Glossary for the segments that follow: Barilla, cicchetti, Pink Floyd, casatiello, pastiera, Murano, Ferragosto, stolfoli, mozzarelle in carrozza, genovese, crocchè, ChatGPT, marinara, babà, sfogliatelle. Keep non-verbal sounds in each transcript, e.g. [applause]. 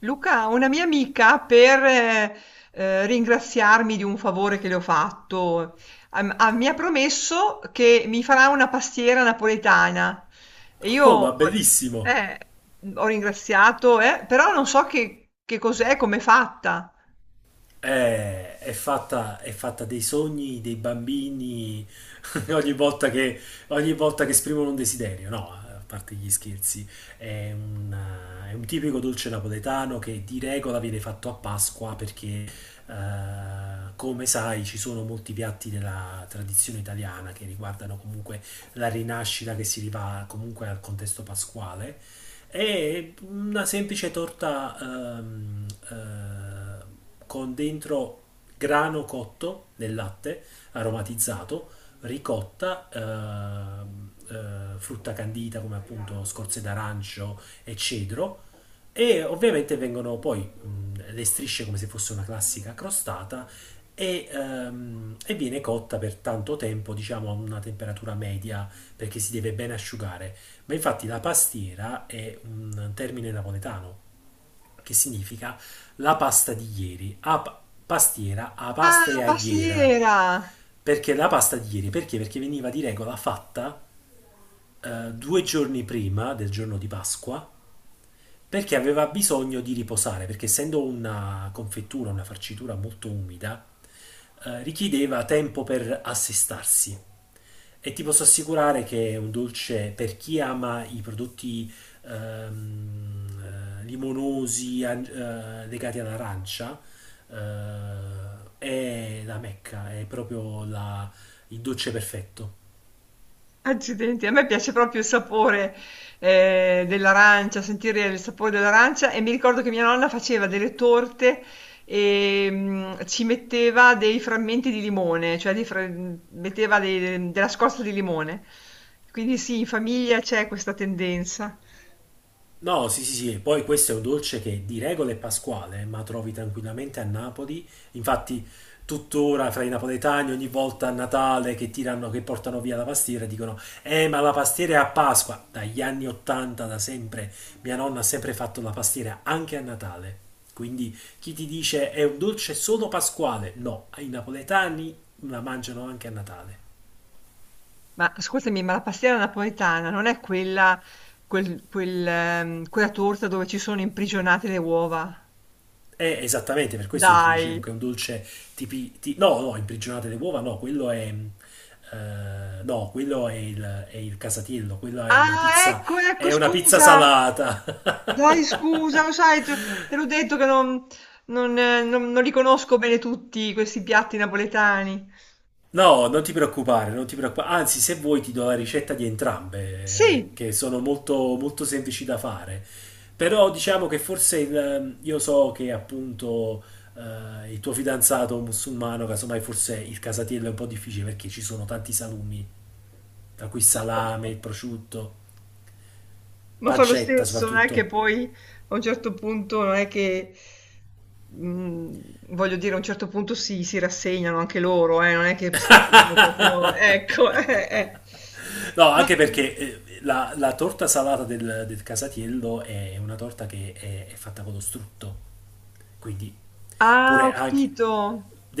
Luca, una mia amica per ringraziarmi di un favore che le ho fatto, mi ha promesso che mi farà una pastiera napoletana. E io Oh, ma bellissimo! eh, ho ringraziato, però non so che cos'è, come è fatta. È fatta dei sogni dei bambini [laughs] ogni volta che, ogni volta che esprimono un desiderio, no? A parte gli scherzi, è un, è un tipico dolce napoletano che di regola viene fatto a Pasqua perché, come sai, ci sono molti piatti della tradizione italiana che riguardano comunque la rinascita che si riva comunque al contesto pasquale. È una semplice torta con dentro grano cotto nel latte aromatizzato, ricotta, frutta candita come appunto scorze d'arancio e cedro. E ovviamente vengono poi le strisce come se fosse una classica crostata e viene cotta per tanto tempo, diciamo a una temperatura media perché si deve ben asciugare. Ma infatti la pastiera è un termine napoletano che significa la pasta di ieri, pastiera, a pasta Ah, e a iera. pastiera! Perché la pasta di ieri? Perché? Perché veniva di regola fatta 2 giorni prima del giorno di Pasqua, perché aveva bisogno di riposare, perché essendo una confettura, una farcitura molto umida, richiedeva tempo per assestarsi. E ti posso assicurare che è un dolce per chi ama i prodotti limonosi legati all'arancia, eh, è la Mecca, è proprio il dolce perfetto. Accidenti, a me piace proprio il sapore, dell'arancia, sentire il sapore dell'arancia e mi ricordo che mia nonna faceva delle torte e ci metteva dei frammenti di limone, cioè metteva della scorza di limone. Quindi sì, in famiglia c'è questa tendenza. No, sì, sì, sì, e poi questo è un dolce che di regola è pasquale, ma trovi tranquillamente a Napoli. Infatti, tuttora fra i napoletani, ogni volta a Natale che tirano, che portano via la pastiera, dicono: ma la pastiera è a Pasqua. Dagli anni 80, da sempre, mia nonna ha sempre fatto la pastiera anche a Natale. Quindi chi ti dice è un dolce solo pasquale? No, i napoletani la mangiano anche a Natale. Ma ascoltami, ma la pastiera napoletana non è quella, quella torta dove ci sono imprigionate le uova? Esattamente, per questo io ti dicevo Dai. che è un dolce No, no, imprigionate le uova, no, quello è, no, quello è il casatiello, quella è una Ah, pizza. ecco, ecco, È una pizza scusa. salata! [laughs] Dai, scusa, lo sai, te l'ho detto che non li conosco bene tutti questi piatti napoletani. No, non ti preoccupare, non ti preoccupare. Anzi, se vuoi ti do la ricetta di entrambe, Sì, che sono molto, molto semplici da fare. Però diciamo che forse io so che appunto il tuo fidanzato musulmano, casomai forse il casatiello è un po' difficile perché ci sono tanti salumi tra cui salame, [laughs] prosciutto, ma fa lo pancetta stesso, non è che soprattutto. poi a un certo punto, non è che, mm, voglio dire, a un certo punto si rassegnano anche loro, non è che se l'abbiano proprio, ecco. [laughs] No, No. anche perché la torta salata del Casatiello è una torta che è fatta con lo strutto. Quindi, Ah, pure anche-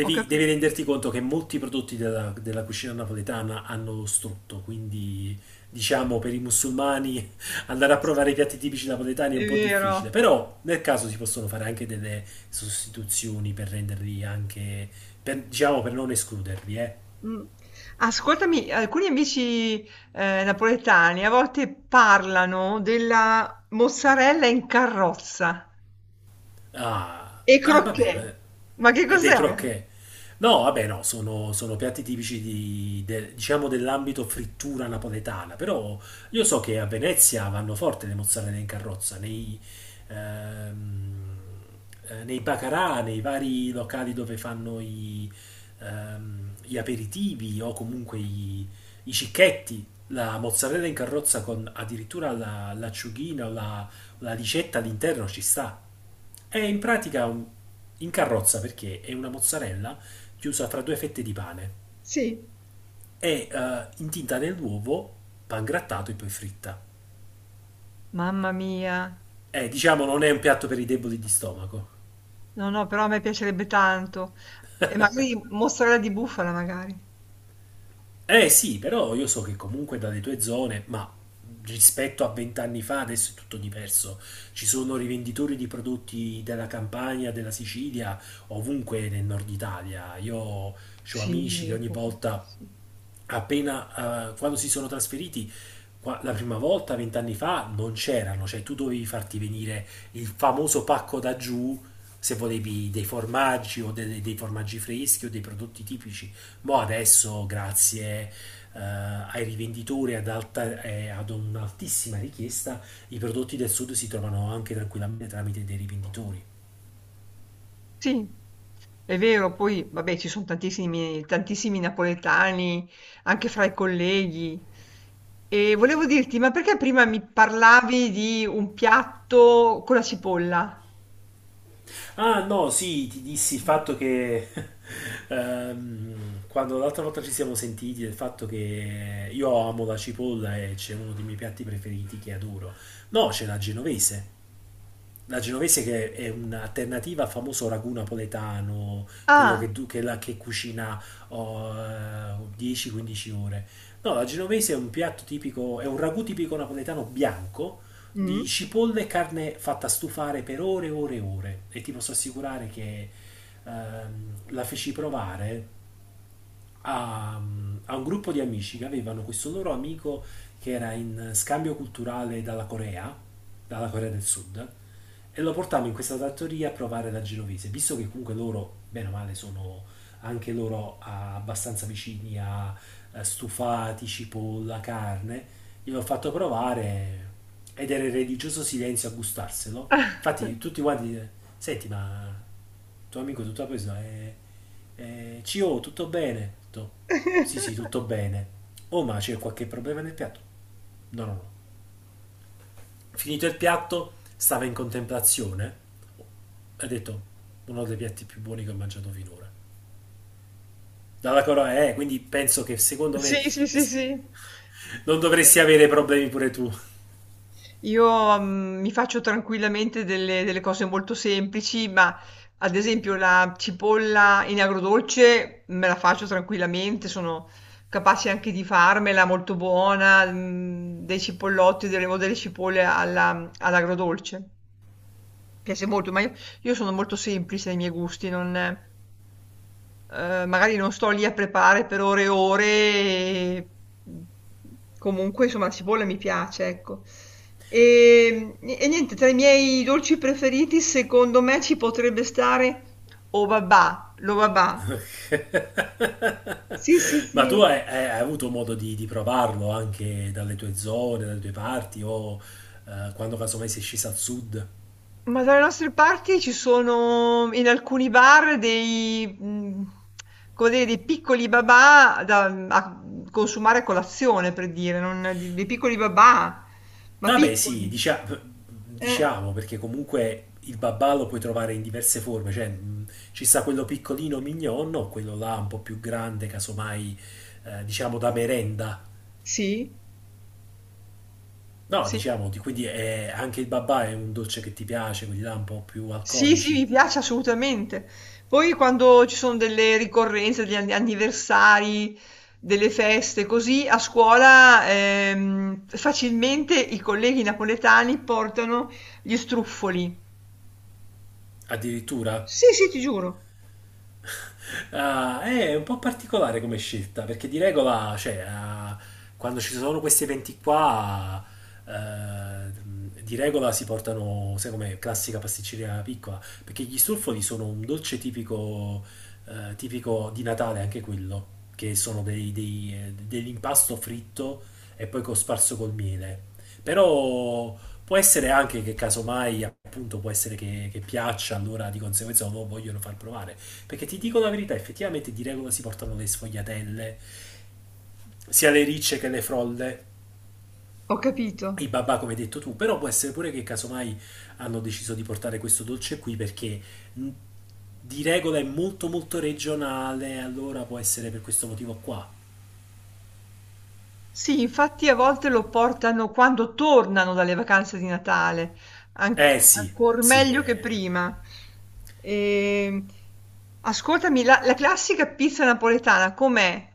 ho devi capito, renderti conto che molti prodotti della cucina napoletana hanno lo strutto. Quindi, diciamo, per i musulmani [laughs] andare a provare i piatti tipici napoletani è è un po' difficile. vero. Però, nel caso, si possono fare anche delle sostituzioni per renderli anche, diciamo, per non escluderli, eh. Mh. Ascoltami, alcuni amici, napoletani a volte parlano della mozzarella in carrozza Ah, e ah, vabbè, croquet. vabbè. Ma che E dei cos'è? crocchè. No, vabbè, no, sono piatti tipici diciamo dell'ambito frittura napoletana, però io so che a Venezia vanno forte le mozzarelle in carrozza, ehm, nei baccarà, nei vari locali dove fanno gli aperitivi o comunque i cicchetti, la mozzarella in carrozza con addirittura l'acciughina o la ricetta all'interno ci sta. È in pratica in carrozza perché è una mozzarella chiusa tra 2 fette di pane. Sì. È intinta nell'uovo, pan grattato e poi fritta. Mamma mia. Diciamo non è un piatto per i deboli di stomaco. No, no, però a me piacerebbe tanto. E magari mozzarella di bufala magari. Eh sì, però io so che comunque dalle tue zone, ma rispetto a 20 anni fa adesso è tutto diverso. Ci sono rivenditori di prodotti della Campania, della Sicilia, ovunque nel nord Italia. Io ho amici che Sì, ogni volta sì. appena quando si sono trasferiti la prima volta, 20 anni fa, non c'erano, cioè tu dovevi farti venire il famoso pacco da giù se volevi dei formaggi o dei formaggi freschi o dei prodotti tipici. Mo adesso, grazie ai rivenditori ad un'altissima richiesta, i prodotti del sud si trovano anche tranquillamente tramite dei rivenditori. Sì, è vero, poi vabbè ci sono tantissimi, tantissimi napoletani anche fra i colleghi. E volevo dirti, ma perché prima mi parlavi di un piatto con la cipolla? Ah no, sì, ti dissi il fatto che [laughs] quando l'altra volta ci siamo sentiti del fatto che io amo la cipolla e c'è uno dei miei piatti preferiti che adoro. No, c'è la genovese che è un'alternativa al famoso ragù napoletano, quello che, Ah, che cucina oh, 10-15 ore. No, la genovese è un piatto tipico, è un ragù tipico napoletano bianco di mm. cipolle e carne fatta stufare per ore e ore e ore. E ti posso assicurare che ehm, la feci provare a, a un gruppo di amici che avevano questo loro amico che era in scambio culturale dalla Corea del Sud, e lo portammo in questa trattoria a provare la genovese, visto che comunque loro, bene o male, sono anche loro abbastanza vicini a stufati, cipolla, carne, gliel'ho fatto provare ed era il religioso silenzio a gustarselo. Infatti tutti quanti, senti ma tuo amico tutta preso è CO, tutto bene? Ho detto, sì, sì, [laughs] tutto bene. Oh, ma c'è qualche problema nel piatto? No, no, no. Finito il piatto, stava in contemplazione. Ha detto, uno dei piatti più buoni che ho mangiato finora. Dalla Corea, quindi penso che secondo me Sì, sì, eh, sì, s- sì. non Vabbè, dovresti avere problemi pure tu. io, mhmm, mi faccio tranquillamente delle cose molto semplici, ma ad esempio la cipolla in agrodolce me la faccio tranquillamente, sono capace anche di farmela molto buona, mhmm, dei cipollotti o delle cipolle alla all'agrodolce. Mi piace molto, ma io sono molto semplice nei miei gusti, non. Magari non sto lì a preparare per ore e ore e mhmm, comunque insomma la cipolla mi piace, ecco. Ni e niente, tra i miei dolci preferiti secondo me ci potrebbe stare o babà, lo babà. [laughs] Sì, sì, Ma tu sì. hai, hai avuto modo di provarlo anche dalle tue zone, dalle tue parti o quando casomai sei scesa al sud? Ma dalle nostre parti ci sono in alcuni bar dei, mm, come dire, dei piccoli babà da a consumare a colazione, per dire, dei piccoli babà, ma Vabbè, sì, piccoli. Eh, diciamo, perché comunque il babà lo puoi trovare in diverse forme, cioè ci sta quello piccolino mignon o quello là un po' più grande, casomai, diciamo da merenda. sì, No, sì, diciamo, quindi anche il babà è un dolce che ti piace, quelli là un po' più sì, sì, alcolici, mi piace assolutamente. Poi quando ci sono delle ricorrenze, anniversari, delle feste, così a scuola facilmente i colleghi napoletani portano gli struffoli. addirittura. Sì, sì, ti giuro. Ah, è un po' particolare come scelta, perché di regola, cioè, quando ci sono questi eventi qua, di regola si portano, sai come classica pasticceria piccola, perché gli stolfoli sono un dolce tipico, tipico di Natale, anche quello, che sono dell'impasto fritto e poi cosparso col miele. Però può essere anche che casomai, appunto, può essere che piaccia, allora di conseguenza lo vogliono far provare. Perché ti dico la verità, effettivamente di regola si portano le sfogliatelle, sia le ricce che le frolle, Ho i capito. babà come hai detto tu, però può essere pure che casomai hanno deciso di portare questo dolce qui perché mh, di regola è molto molto regionale, allora può essere per questo motivo qua. Sì, infatti a volte lo portano quando tornano dalle vacanze di Natale, an- Eh sì, ancor sì. meglio che Eh. prima. Ehm, Ascoltami, la classica pizza napoletana com'è?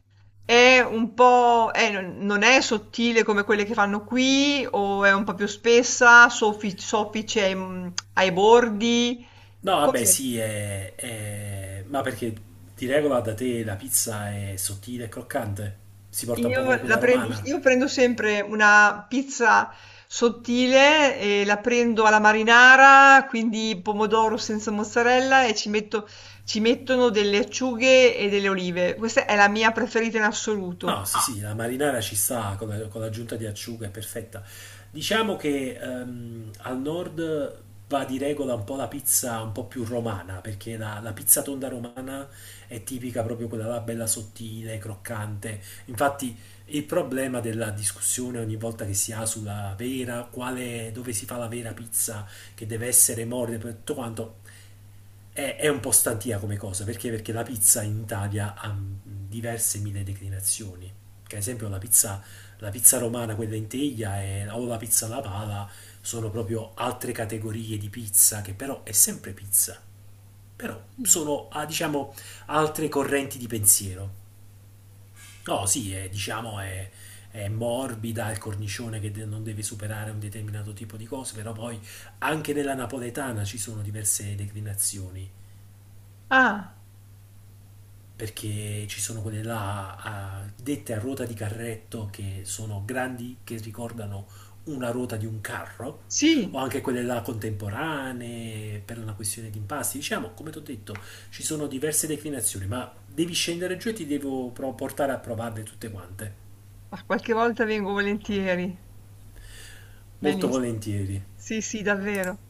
È un po', non è sottile come quelle che fanno qui, o è un po' più spessa, soffice ai, ai bordi? No, vabbè Com'è? sì, ma perché di regola da te la pizza è sottile e croccante? Si porta un po' Io come la quella prendo, romana? io prendo sempre una pizza sottile e la prendo alla marinara, quindi pomodoro senza mozzarella e ci metto, ci mettono delle acciughe e delle olive. Questa è la mia preferita in assoluto. No, sì, sì, la marinara ci sta con con l'aggiunta di acciuga, è perfetta. Diciamo che al nord va di regola un po' la pizza un po' più romana, perché la pizza tonda romana è tipica proprio quella là bella sottile, croccante. Infatti il problema della discussione ogni volta che si ha sulla vera, quale, dove si fa la vera pizza, che deve essere morbida per tutto quanto, è un po' stantia come cosa, perché? Perché la pizza in Italia ha diverse mille declinazioni. Che ad esempio la pizza romana, quella in teglia, o la pizza alla pala, sono proprio altre categorie di pizza che però è sempre pizza. Però Mm. sono, diciamo, altre correnti di pensiero. No, sì, è, diciamo, è morbida, è il cornicione che non deve superare un determinato tipo di cose, però poi anche nella napoletana ci sono diverse declinazioni. Ah, Perché ci sono quelle là dette a ruota di carretto che sono grandi, che ricordano una ruota di un carro, o sì, anche quelle là contemporanee per una questione di impasti. Diciamo, come ti ho detto, ci sono diverse declinazioni, ma devi scendere giù e ti devo portare a provarle tutte quante. ma qualche volta vengo volentieri. Molto Benissimo. volentieri. Sì, sì, davvero.